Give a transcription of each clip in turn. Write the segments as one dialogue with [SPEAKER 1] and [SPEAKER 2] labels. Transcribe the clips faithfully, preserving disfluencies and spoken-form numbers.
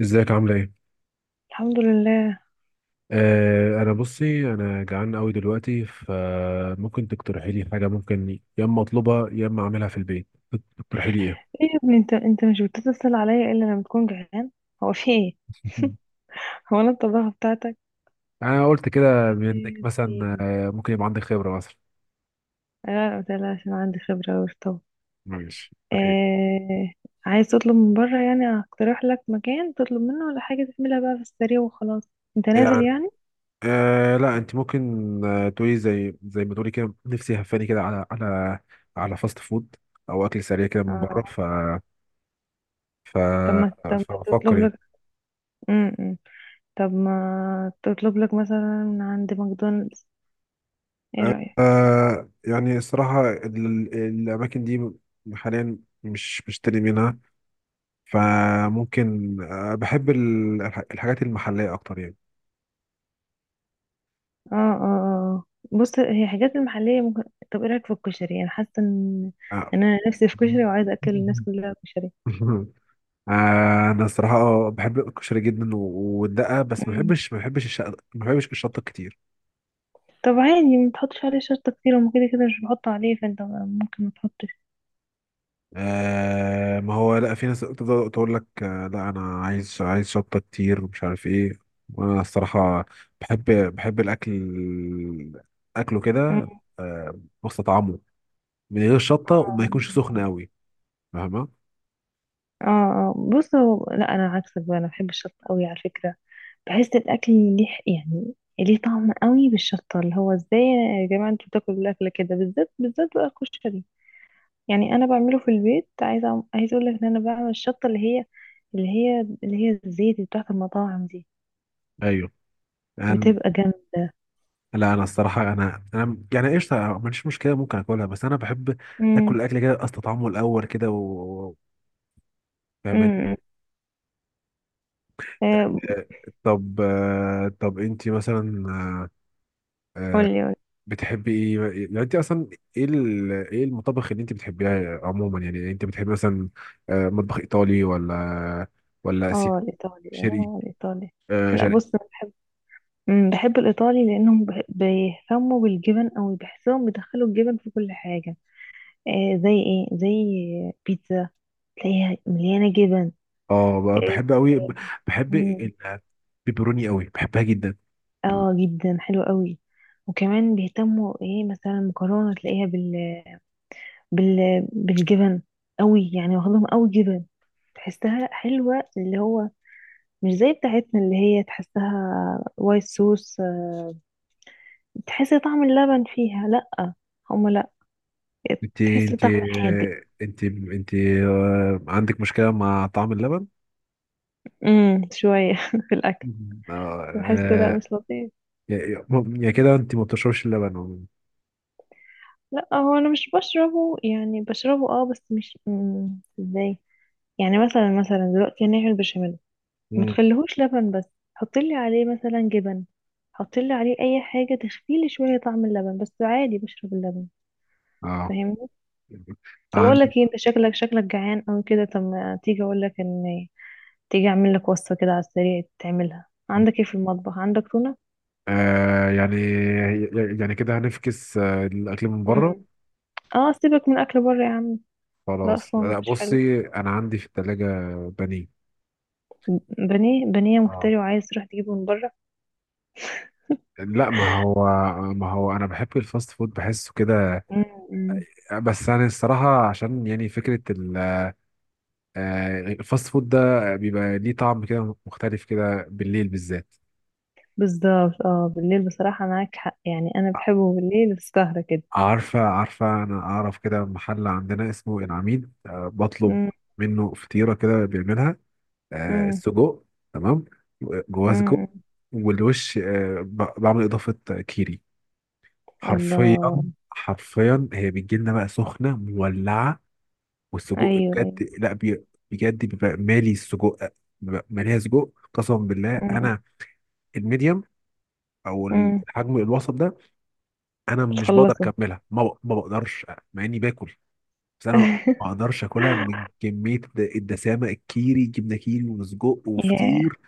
[SPEAKER 1] ازيك عاملة ايه؟
[SPEAKER 2] الحمد لله.
[SPEAKER 1] آه انا بصي، انا جعان قوي دلوقتي، فممكن تقترحي لي حاجة، ممكن يا اما اطلبها يا اما اعملها في البيت. تقترحي لي ايه؟
[SPEAKER 2] ايه يا ابني، انت انت مش بتتصل عليا الا لما تكون جعان؟ هو في ايه؟ هو انا الطباخ بتاعتك؟
[SPEAKER 1] انا قلت كده منك
[SPEAKER 2] يا
[SPEAKER 1] مثلا
[SPEAKER 2] سيدي.
[SPEAKER 1] آه ممكن يبقى عندك خبرة مثلا.
[SPEAKER 2] لا، قلت لها عشان عندي خبرة أوي في الطبخ.
[SPEAKER 1] ماشي، اقترحي لي.
[SPEAKER 2] آه... عايز تطلب من بره، يعني هقترح لك مكان تطلب منه، ولا حاجة تعملها بقى في السريع وخلاص؟ انت نازل
[SPEAKER 1] يعني
[SPEAKER 2] يعني؟
[SPEAKER 1] آه لا، انت ممكن. آه تقولي زي زي ما تقولي كده، نفسي هفاني كده على على على فاست فود او اكل سريع كده من بره.
[SPEAKER 2] آه.
[SPEAKER 1] ف ف
[SPEAKER 2] طب ما طب ما
[SPEAKER 1] فبفكر
[SPEAKER 2] تطلب لك.
[SPEAKER 1] ايه.
[SPEAKER 2] م -م. طب ما تطلب لك مثلا من عند ماكدونالدز، ايه رأيك؟
[SPEAKER 1] آه يعني الصراحة، ال- الأماكن دي حاليا مش بشتري منها، فممكن، آه بحب ال- الح- الحاجات المحلية أكتر يعني.
[SPEAKER 2] اه، اه، اه. بص، هي حاجات المحلية ممكن. طب ايه رأيك في الكشري؟ انا حاسة ان
[SPEAKER 1] آه.
[SPEAKER 2] إن انا نفسي في كشري وعايزة اكل الناس كلها كشري.
[SPEAKER 1] آه، أنا الصراحة بحب الكشري جدا و- والدقة، بس ما
[SPEAKER 2] مم.
[SPEAKER 1] بحبش ما بحبش الشط ما بحبش الشطة كتير.
[SPEAKER 2] طب عادي ما تحطش عليه شطة كتير، وما كده كده مش بحطه عليه، فانت ممكن ما تحطش.
[SPEAKER 1] آه، ما هو لا، في ناس تفضل تقول لك آه لا، انا عايز عايز شطه كتير، ومش عارف ايه. وانا الصراحه بحب بحب الاكل، اكله كده،
[SPEAKER 2] مم.
[SPEAKER 1] آه واستطعمه من غير شطه، وما يكونش سخن قوي، فاهمه؟
[SPEAKER 2] اه، اه، بص، هو لا، انا عكسك بقى، انا بحب الشطة قوي على فكرة. بحس الاكل ليه، يعني ليه طعم قوي بالشطة، اللي هو ازاي يا جماعة انتوا بتاكلوا الاكل كده، بالذات بالذات بقى الكشري؟ يعني انا بعمله في البيت، عايزه عايزه اقول لك ان انا بعمل الشطه اللي هي اللي هي اللي هي الزيت بتاعت المطاعم دي،
[SPEAKER 1] ايوه يعني،
[SPEAKER 2] بتبقى جامده.
[SPEAKER 1] لا، انا الصراحه انا انا يعني ايش ما عنديش مشكله، ممكن اكلها، بس انا بحب اكل
[SPEAKER 2] امم
[SPEAKER 1] الاكل كده، استطعمه الاول كده و و- فاهماني؟
[SPEAKER 2] امم آه
[SPEAKER 1] آه، طب، آه، طب انتي مثلا، آه، آه،
[SPEAKER 2] قولي، قولي.
[SPEAKER 1] بتحبي ايه؟ يعني انت اصلا، ايه ال- ايه المطابخ اللي انت بتحبيها عموما؟ يعني انت بتحبي مثلا آه، مطبخ ايطالي، ولا ولا اسيوي؟
[SPEAKER 2] اه، الايطالي،
[SPEAKER 1] شرقي؟
[SPEAKER 2] اه، الايطالي.
[SPEAKER 1] آه،
[SPEAKER 2] لا،
[SPEAKER 1] شرقي.
[SPEAKER 2] بص، انا بحب. مم، بحب الايطالي لانهم بح- بيهتموا بالجبن، او بحسهم بيدخلوا الجبن في كل حاجه. آه زي ايه، زي بيتزا، تلاقيها مليانه جبن.
[SPEAKER 1] اه، ب-
[SPEAKER 2] آه.
[SPEAKER 1] بحب قوي. بحب
[SPEAKER 2] مم.
[SPEAKER 1] البيبروني قوي، بحبها جدا.
[SPEAKER 2] اه، جدا حلو قوي. وكمان بيهتموا ايه؟ مثلا المكرونه تلاقيها بال... بالجبن قوي، يعني واخدهم قوي جبن، تحسها حلوة، اللي هو مش زي بتاعتنا اللي هي تحسها وايت صوص، تحس طعم اللبن فيها، لأ، هما لأ.
[SPEAKER 1] انت
[SPEAKER 2] تحس
[SPEAKER 1] انت
[SPEAKER 2] طعم حادق،
[SPEAKER 1] آه، انت انت، آه، عندك مشكلة مع طعم اللبن؟
[SPEAKER 2] امم شوية في الأكل.
[SPEAKER 1] مم. اه.
[SPEAKER 2] بحس لأ،
[SPEAKER 1] آه،
[SPEAKER 2] مش لطيف.
[SPEAKER 1] يا يا- يا كده انت ما بتشربش اللبن؟
[SPEAKER 2] لأ، هو أنا مش بشربه، يعني بشربه، اه، بس مش، مم، ازاي، يعني مثلا مثلا دلوقتي هنعمل بشاميل، ما
[SPEAKER 1] مم.
[SPEAKER 2] تخليهوش لبن بس، حطي لي عليه مثلا جبن، حطي لي عليه اي حاجه تخفي لي شويه طعم اللبن، بس عادي بشرب اللبن،
[SPEAKER 1] اه،
[SPEAKER 2] فاهمني؟ طب اقول
[SPEAKER 1] عندي.
[SPEAKER 2] لك ايه، انت شكلك شكلك جعان او كده، طب ما تيجي اقول لك ان تيجي اعمل لك وصفه كده على السريع تعملها، عندك ايه في المطبخ؟ عندك تونه؟
[SPEAKER 1] آه يعني، يعني كده هنفكس آه الأكل من بره.
[SPEAKER 2] امم اه، سيبك من اكل بره يا عم، ده
[SPEAKER 1] خلاص،
[SPEAKER 2] اصلا
[SPEAKER 1] لا،
[SPEAKER 2] مش حلو.
[SPEAKER 1] بصي، أنا عندي في التلاجة بانيه.
[SPEAKER 2] بانيه. بانيه
[SPEAKER 1] اه،
[SPEAKER 2] مفتري وعايز تروح تجيبه من بره؟
[SPEAKER 1] لا، ما هو، ما هو أنا بحب الفاست فود، بحسه كده.
[SPEAKER 2] امم
[SPEAKER 1] بس أنا الصراحة، عشان يعني فكرة ال- آه، الفاست فود ده بيبقى ليه طعم كده مختلف كده بالليل بالذات.
[SPEAKER 2] بالظبط، اه، بالليل بصراحه معاك حق، يعني انا بحبه بالليل في السهره كده.
[SPEAKER 1] عارفة، عارفة، أنا أعرف كده محل عندنا اسمه العميد. آه، بطلب منه فطيرة كده، بيعملها آه، السجق، تمام. جواه سجق
[SPEAKER 2] امم
[SPEAKER 1] والوش. آه، ب- بعمل اضافه كيري. حرفيا.
[SPEAKER 2] الله.
[SPEAKER 1] حرفيا هي بتجي لنا بقى سخنه مولعه، والسجق
[SPEAKER 2] ايوه،
[SPEAKER 1] بجد.
[SPEAKER 2] ايوه.
[SPEAKER 1] لا بي- بجد بيبقى مالي السجق، بيبقى ماليها سجق، قسما بالله.
[SPEAKER 2] أمم،
[SPEAKER 1] انا الميديم او
[SPEAKER 2] أمم،
[SPEAKER 1] الحجم الوسط ده، انا مش بقدر
[SPEAKER 2] بتخلصه؟
[SPEAKER 1] اكملها، ما ب- ما بقدرش مع اني باكل. بس انا ما اقدرش اكلها من كميه الد- الدسامه، الكيري، جبنه كيري وسجق
[SPEAKER 2] ياه.
[SPEAKER 1] وفطير.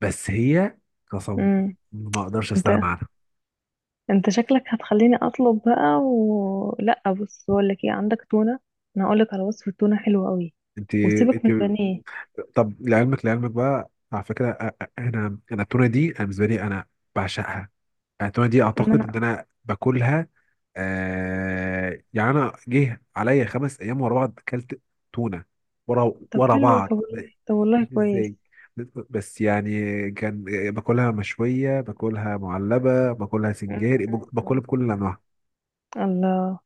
[SPEAKER 1] بس هي، قسم،
[SPEAKER 2] أمم.
[SPEAKER 1] ما اقدرش
[SPEAKER 2] انت
[SPEAKER 1] استغنى عنها.
[SPEAKER 2] انت شكلك هتخليني اطلب بقى و... لا، بص بقول لك ايه، عندك تونه، انا هقول لك على وصفه تونه حلوه قوي،
[SPEAKER 1] انت
[SPEAKER 2] وسيبك
[SPEAKER 1] انت
[SPEAKER 2] من البانيه.
[SPEAKER 1] طب، لعلمك، لعلمك بقى على فكره، أ- أ- انا انا التونه دي، انا بالنسبه لي انا بعشقها. أنا التونه دي
[SPEAKER 2] ما
[SPEAKER 1] اعتقد
[SPEAKER 2] انا.
[SPEAKER 1] ان انا باكلها. آه يعني، انا جه عليا خمس ايام ورا بعض اكلت تونه، ورا
[SPEAKER 2] طب
[SPEAKER 1] ورا
[SPEAKER 2] حلو، طب
[SPEAKER 1] بعض،
[SPEAKER 2] والله، طب والله
[SPEAKER 1] مش
[SPEAKER 2] كويس.
[SPEAKER 1] ازاي. بس يعني، كان باكلها مشويه، باكلها معلبه، باكلها
[SPEAKER 2] أمم،
[SPEAKER 1] سنجاري، باكلها
[SPEAKER 2] أمم،
[SPEAKER 1] بكل انواعها.
[SPEAKER 2] أمم. الله.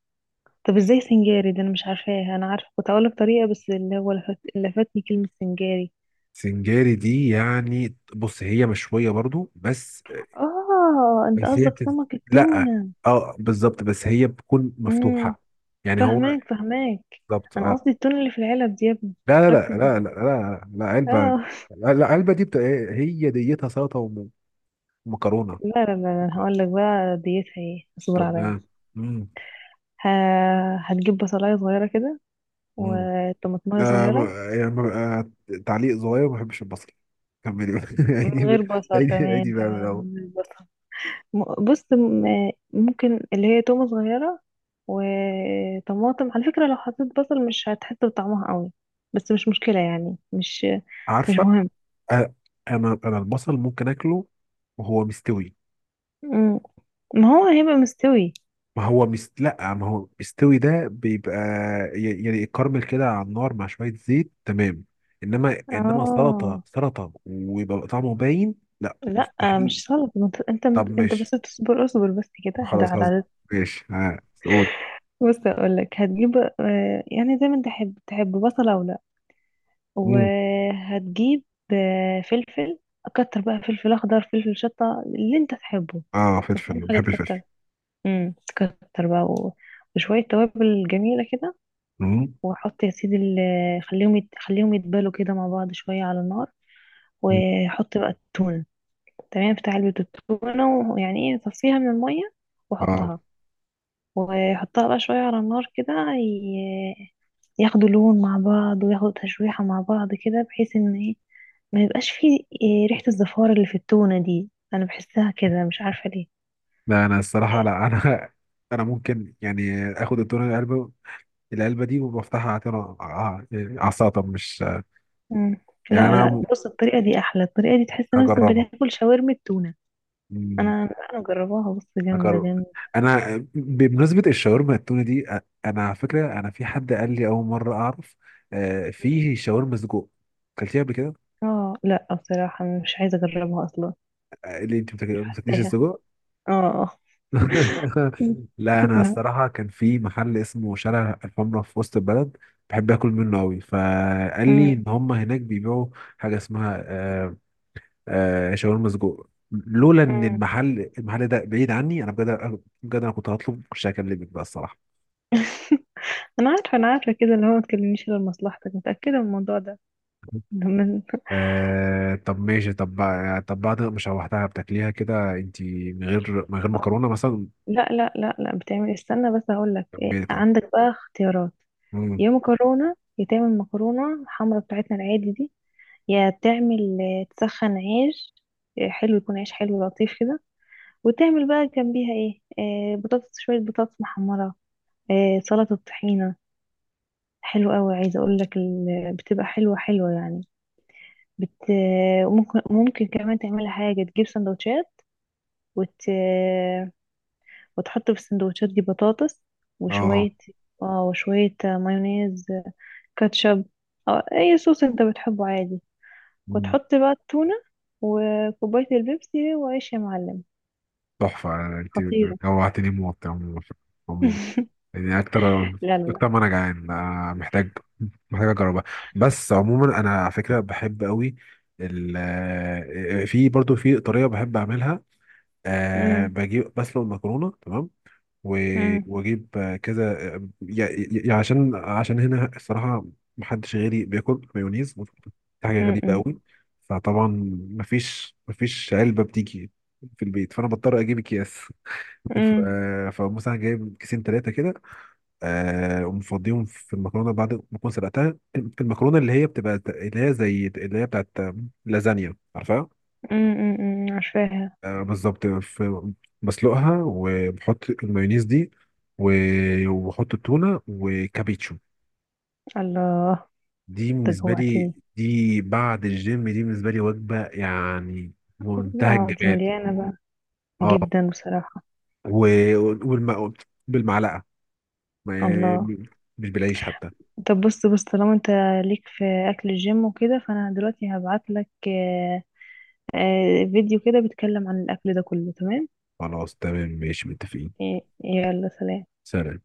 [SPEAKER 2] طب ازاي سنجاري ده؟ انا مش عارفاه، انا عارفه كنت هقول لك طريقه، بس اللي هو لفت... لفتني كلمه سنجاري.
[SPEAKER 1] سنجاري دي يعني، بص، هي مشوية برضو، بس
[SPEAKER 2] اه، انت
[SPEAKER 1] بس هي
[SPEAKER 2] قصدك
[SPEAKER 1] بتت...
[SPEAKER 2] سمك
[SPEAKER 1] لا،
[SPEAKER 2] التونه؟
[SPEAKER 1] اه بالظبط، بس هي بتكون
[SPEAKER 2] مم.
[SPEAKER 1] مفتوحة. يعني هو،
[SPEAKER 2] فهماك، فهماك.
[SPEAKER 1] بالظبط،
[SPEAKER 2] انا
[SPEAKER 1] اه.
[SPEAKER 2] قصدي التون اللي في العلب دي يا ابني،
[SPEAKER 1] لا، لا، لا،
[SPEAKER 2] ركز
[SPEAKER 1] لا، لا،
[SPEAKER 2] معايا.
[SPEAKER 1] لا، لا، علبة.
[SPEAKER 2] اه.
[SPEAKER 1] لا لا علبة دي بت...، هي ديتها سلطة وم- ومكرونة.
[SPEAKER 2] لا، لا، لا،
[SPEAKER 1] شكرا.
[SPEAKER 2] هقول لك بقى ديتها ايه، اصبر
[SPEAKER 1] طب،
[SPEAKER 2] عليا.
[SPEAKER 1] آه. مم.
[SPEAKER 2] ه- هتجيب بصلايه صغيره كده،
[SPEAKER 1] مم.
[SPEAKER 2] وطماطمايه
[SPEAKER 1] آه، ب-
[SPEAKER 2] صغيره.
[SPEAKER 1] يعني ب- آه تعليق صغير، ما بحبش البصل. كملي بقى.
[SPEAKER 2] من
[SPEAKER 1] عيدي
[SPEAKER 2] غير
[SPEAKER 1] بقى-
[SPEAKER 2] بصل،
[SPEAKER 1] عيدي،
[SPEAKER 2] تمام
[SPEAKER 1] عيدي بقى من
[SPEAKER 2] تمام،
[SPEAKER 1] الأول.
[SPEAKER 2] من غير بصل. م- بص، م- ممكن اللي هي تومه صغيره، وطماطم، على فكره لو حطيت بصل مش هتحس بطعمها قوي، بس مش مشكله، يعني مش، مش
[SPEAKER 1] عارفة.
[SPEAKER 2] مهم.
[SPEAKER 1] آه، أنا أنا البصل ممكن آكله وهو مستوي.
[SPEAKER 2] مم. ما هو هيبقى مستوي.
[SPEAKER 1] ما هو بيست... لا، ما هو بيستوي ده بيبقى ي- يعني كارمل كده على النار مع شوية زيت، تمام. انما، انما سلطة
[SPEAKER 2] اه،
[SPEAKER 1] سلطة، ويبقى طعمه باين، لا،
[SPEAKER 2] لا
[SPEAKER 1] مستحيل.
[SPEAKER 2] مش غلط، ما انت انت
[SPEAKER 1] طب،
[SPEAKER 2] مت- انت بس
[SPEAKER 1] ماشي.
[SPEAKER 2] تصبر، اصبر بس كده، اهدى
[SPEAKER 1] خلاص
[SPEAKER 2] على
[SPEAKER 1] هز...
[SPEAKER 2] العدد.
[SPEAKER 1] ماشي، ها سعود.
[SPEAKER 2] بص اقول لك، هتجيب، آه، يعني زي ما انت تحب تحب بصله ولا،
[SPEAKER 1] مم.
[SPEAKER 2] وهتجيب آه، فلفل، كتر بقى فلفل اخضر، فلفل شطه اللي انت تحبه،
[SPEAKER 1] اه،
[SPEAKER 2] بس اهم
[SPEAKER 1] فلفل،
[SPEAKER 2] حاجه
[SPEAKER 1] بحب
[SPEAKER 2] تكتر.
[SPEAKER 1] الفلفل.
[SPEAKER 2] امم تكتر بقى و... وشويه توابل جميله كده،
[SPEAKER 1] مم.
[SPEAKER 2] وحط يا سيدي ال... خليهم يت... خليهم يتبالوا كده مع بعض شويه على النار،
[SPEAKER 1] مم.
[SPEAKER 2] وحط بقى التونه، تمام، بتاع علبه التونه ويعني ايه، صفيها من الميه،
[SPEAKER 1] اه،
[SPEAKER 2] وحطها، واحطها بقى شوية على النار كده، ي- ياخدوا لون مع بعض، وياخدوا تشويحة مع بعض كده، بحيث ان ايه، ما يبقاش فيه إيه ريحة الزفارة اللي في التونة دي، انا بحسها كده مش عارفة ليه.
[SPEAKER 1] لا، انا الصراحة، لا، انا انا ممكن يعني اخد التونة، العلبة، العلبة دي، وبفتحها على على على السلطة، مش
[SPEAKER 2] مم.
[SPEAKER 1] يعني.
[SPEAKER 2] لا، لا،
[SPEAKER 1] انا
[SPEAKER 2] بص الطريقة دي احلى، الطريقة دي تحس نفسك
[SPEAKER 1] هجربها.
[SPEAKER 2] بتاكل شاورما التونة.
[SPEAKER 1] مم.
[SPEAKER 2] انا انا جرباها، بص، جامدة
[SPEAKER 1] اجرب.
[SPEAKER 2] جامدة.
[SPEAKER 1] انا بمناسبه الشاورما التونه دي، أ- انا على فكره، انا في حد قال لي اول مره اعرف آه، فيه شاورما سجق. اكلتيها قبل كده؟
[SPEAKER 2] اه لا، بصراحة مش عايزة اجربها اصلا،
[SPEAKER 1] آه، اللي انت بتاك-
[SPEAKER 2] مش
[SPEAKER 1] ما بتاكليش
[SPEAKER 2] حاساها.
[SPEAKER 1] السجق.
[SPEAKER 2] اه.
[SPEAKER 1] لا، انا
[SPEAKER 2] لا.
[SPEAKER 1] الصراحه، كان في محل اسمه شارع الحمراء في وسط البلد، بحب اكل منه قوي. فقال لي
[SPEAKER 2] مم.
[SPEAKER 1] ان هم هناك بيبيعوا حاجه اسمها آه، آه، شاورما سجق. لولا ان
[SPEAKER 2] مم.
[SPEAKER 1] المحل المحل ده بعيد عني، انا بجد، بجد، انا كنت هطلب مش هكلمك بقى الصراحه.
[SPEAKER 2] انا عارفه، انا عارفه كده، اللي هو ما تكلمنيش غير مصلحتك، متاكده من الموضوع ده. من...
[SPEAKER 1] آه، طب ماشي. طب بع- طب بعد ما شوحتها، بتاكليها كده انت من غير، من غير مكرونه مثلا؟
[SPEAKER 2] لا، لا، لا، لا، بتعمل إيه؟ استنى بس هقول لك إيه،
[SPEAKER 1] جنبيت، اه.
[SPEAKER 2] عندك بقى اختيارات،
[SPEAKER 1] مم.
[SPEAKER 2] يا مكرونه، يا تعمل مكرونه الحمرا بتاعتنا العادي دي، يا تعمل آه، تسخن عيش، آه، حلو، يكون عيش حلو لطيف كده، وتعمل بقى جنبيها ايه، آه، بطاطس، شويه بطاطس محمره، آه، سلطه طحينه، حلو قوي، عايزه اقول لك ال- بتبقى حلوه حلوه يعني، بت... ممكن ممكن كمان تعملها حاجه، تجيب سندوتشات، وت... وتحط في السندوتشات دي بطاطس،
[SPEAKER 1] اه.
[SPEAKER 2] وشوية، اه، وشوية مايونيز، كاتشب، أو أي صوص أنت بتحبه عادي،
[SPEAKER 1] مم.
[SPEAKER 2] وتحط بقى التونة، وكوباية البيبسي وعيش يا معلم.
[SPEAKER 1] تحفه. انت
[SPEAKER 2] خطيرة.
[SPEAKER 1] جوعتني موت يا عمو- عمو. يعني اكتر،
[SPEAKER 2] لا، لا، لا.
[SPEAKER 1] اكتر ما انا جعان، آه، محتاج محتاج اجربها. بس عموما انا على فكره بحب قوي ال آه، في، برضو في طريقه بحب اعملها. أه،
[SPEAKER 2] أمم،
[SPEAKER 1] بجيب، بسلق المكرونه، تمام. و-
[SPEAKER 2] أمم،
[SPEAKER 1] واجيب كذا يعني. يعني عشان، عشان هنا الصراحه محدش غيري بياكل مايونيز، ودي حاجه غريبه
[SPEAKER 2] أمم،
[SPEAKER 1] قوي. فطبعا مفيش مفيش علبه بتيجي في البيت، فانا بضطر اجيب اكياس. ف-
[SPEAKER 2] أمم،
[SPEAKER 1] فمثلا جايب كيسين، ثلاثه كده، آه، ومفضيهم في المكرونه بعد ما اكون سلقتها. المكرونه اللي هي بتبقى اللي هي زي اللي هي بتاعت لازانيا، عارفها؟
[SPEAKER 2] أمم، أمم، عارفاها.
[SPEAKER 1] آه، بالظبط. في- بسلقها وبحط المايونيز دي، و- وبحط التونة، وكابيتشو.
[SPEAKER 2] الله.
[SPEAKER 1] دي
[SPEAKER 2] ده
[SPEAKER 1] بالنسبة
[SPEAKER 2] جوعتني.
[SPEAKER 1] لي، دي بعد الجيم، دي بالنسبة لي وجبة يعني، منتهى
[SPEAKER 2] اه، دي
[SPEAKER 1] الجمال.
[SPEAKER 2] مليانة بقى،
[SPEAKER 1] اه.
[SPEAKER 2] جدا بصراحة.
[SPEAKER 1] و- والم... بالمعلقة، ما-
[SPEAKER 2] الله.
[SPEAKER 1] مش بالعيش حتى.
[SPEAKER 2] طب، بص بص طالما انت ليك في اكل الجيم وكده، فانا دلوقتي هبعت لك، آه، آه، فيديو كده بيتكلم عن الاكل ده كله، تمام؟
[SPEAKER 1] خلاص، تمام، ماشي، متفقين.
[SPEAKER 2] إيه، يلا سلام.
[SPEAKER 1] سلام.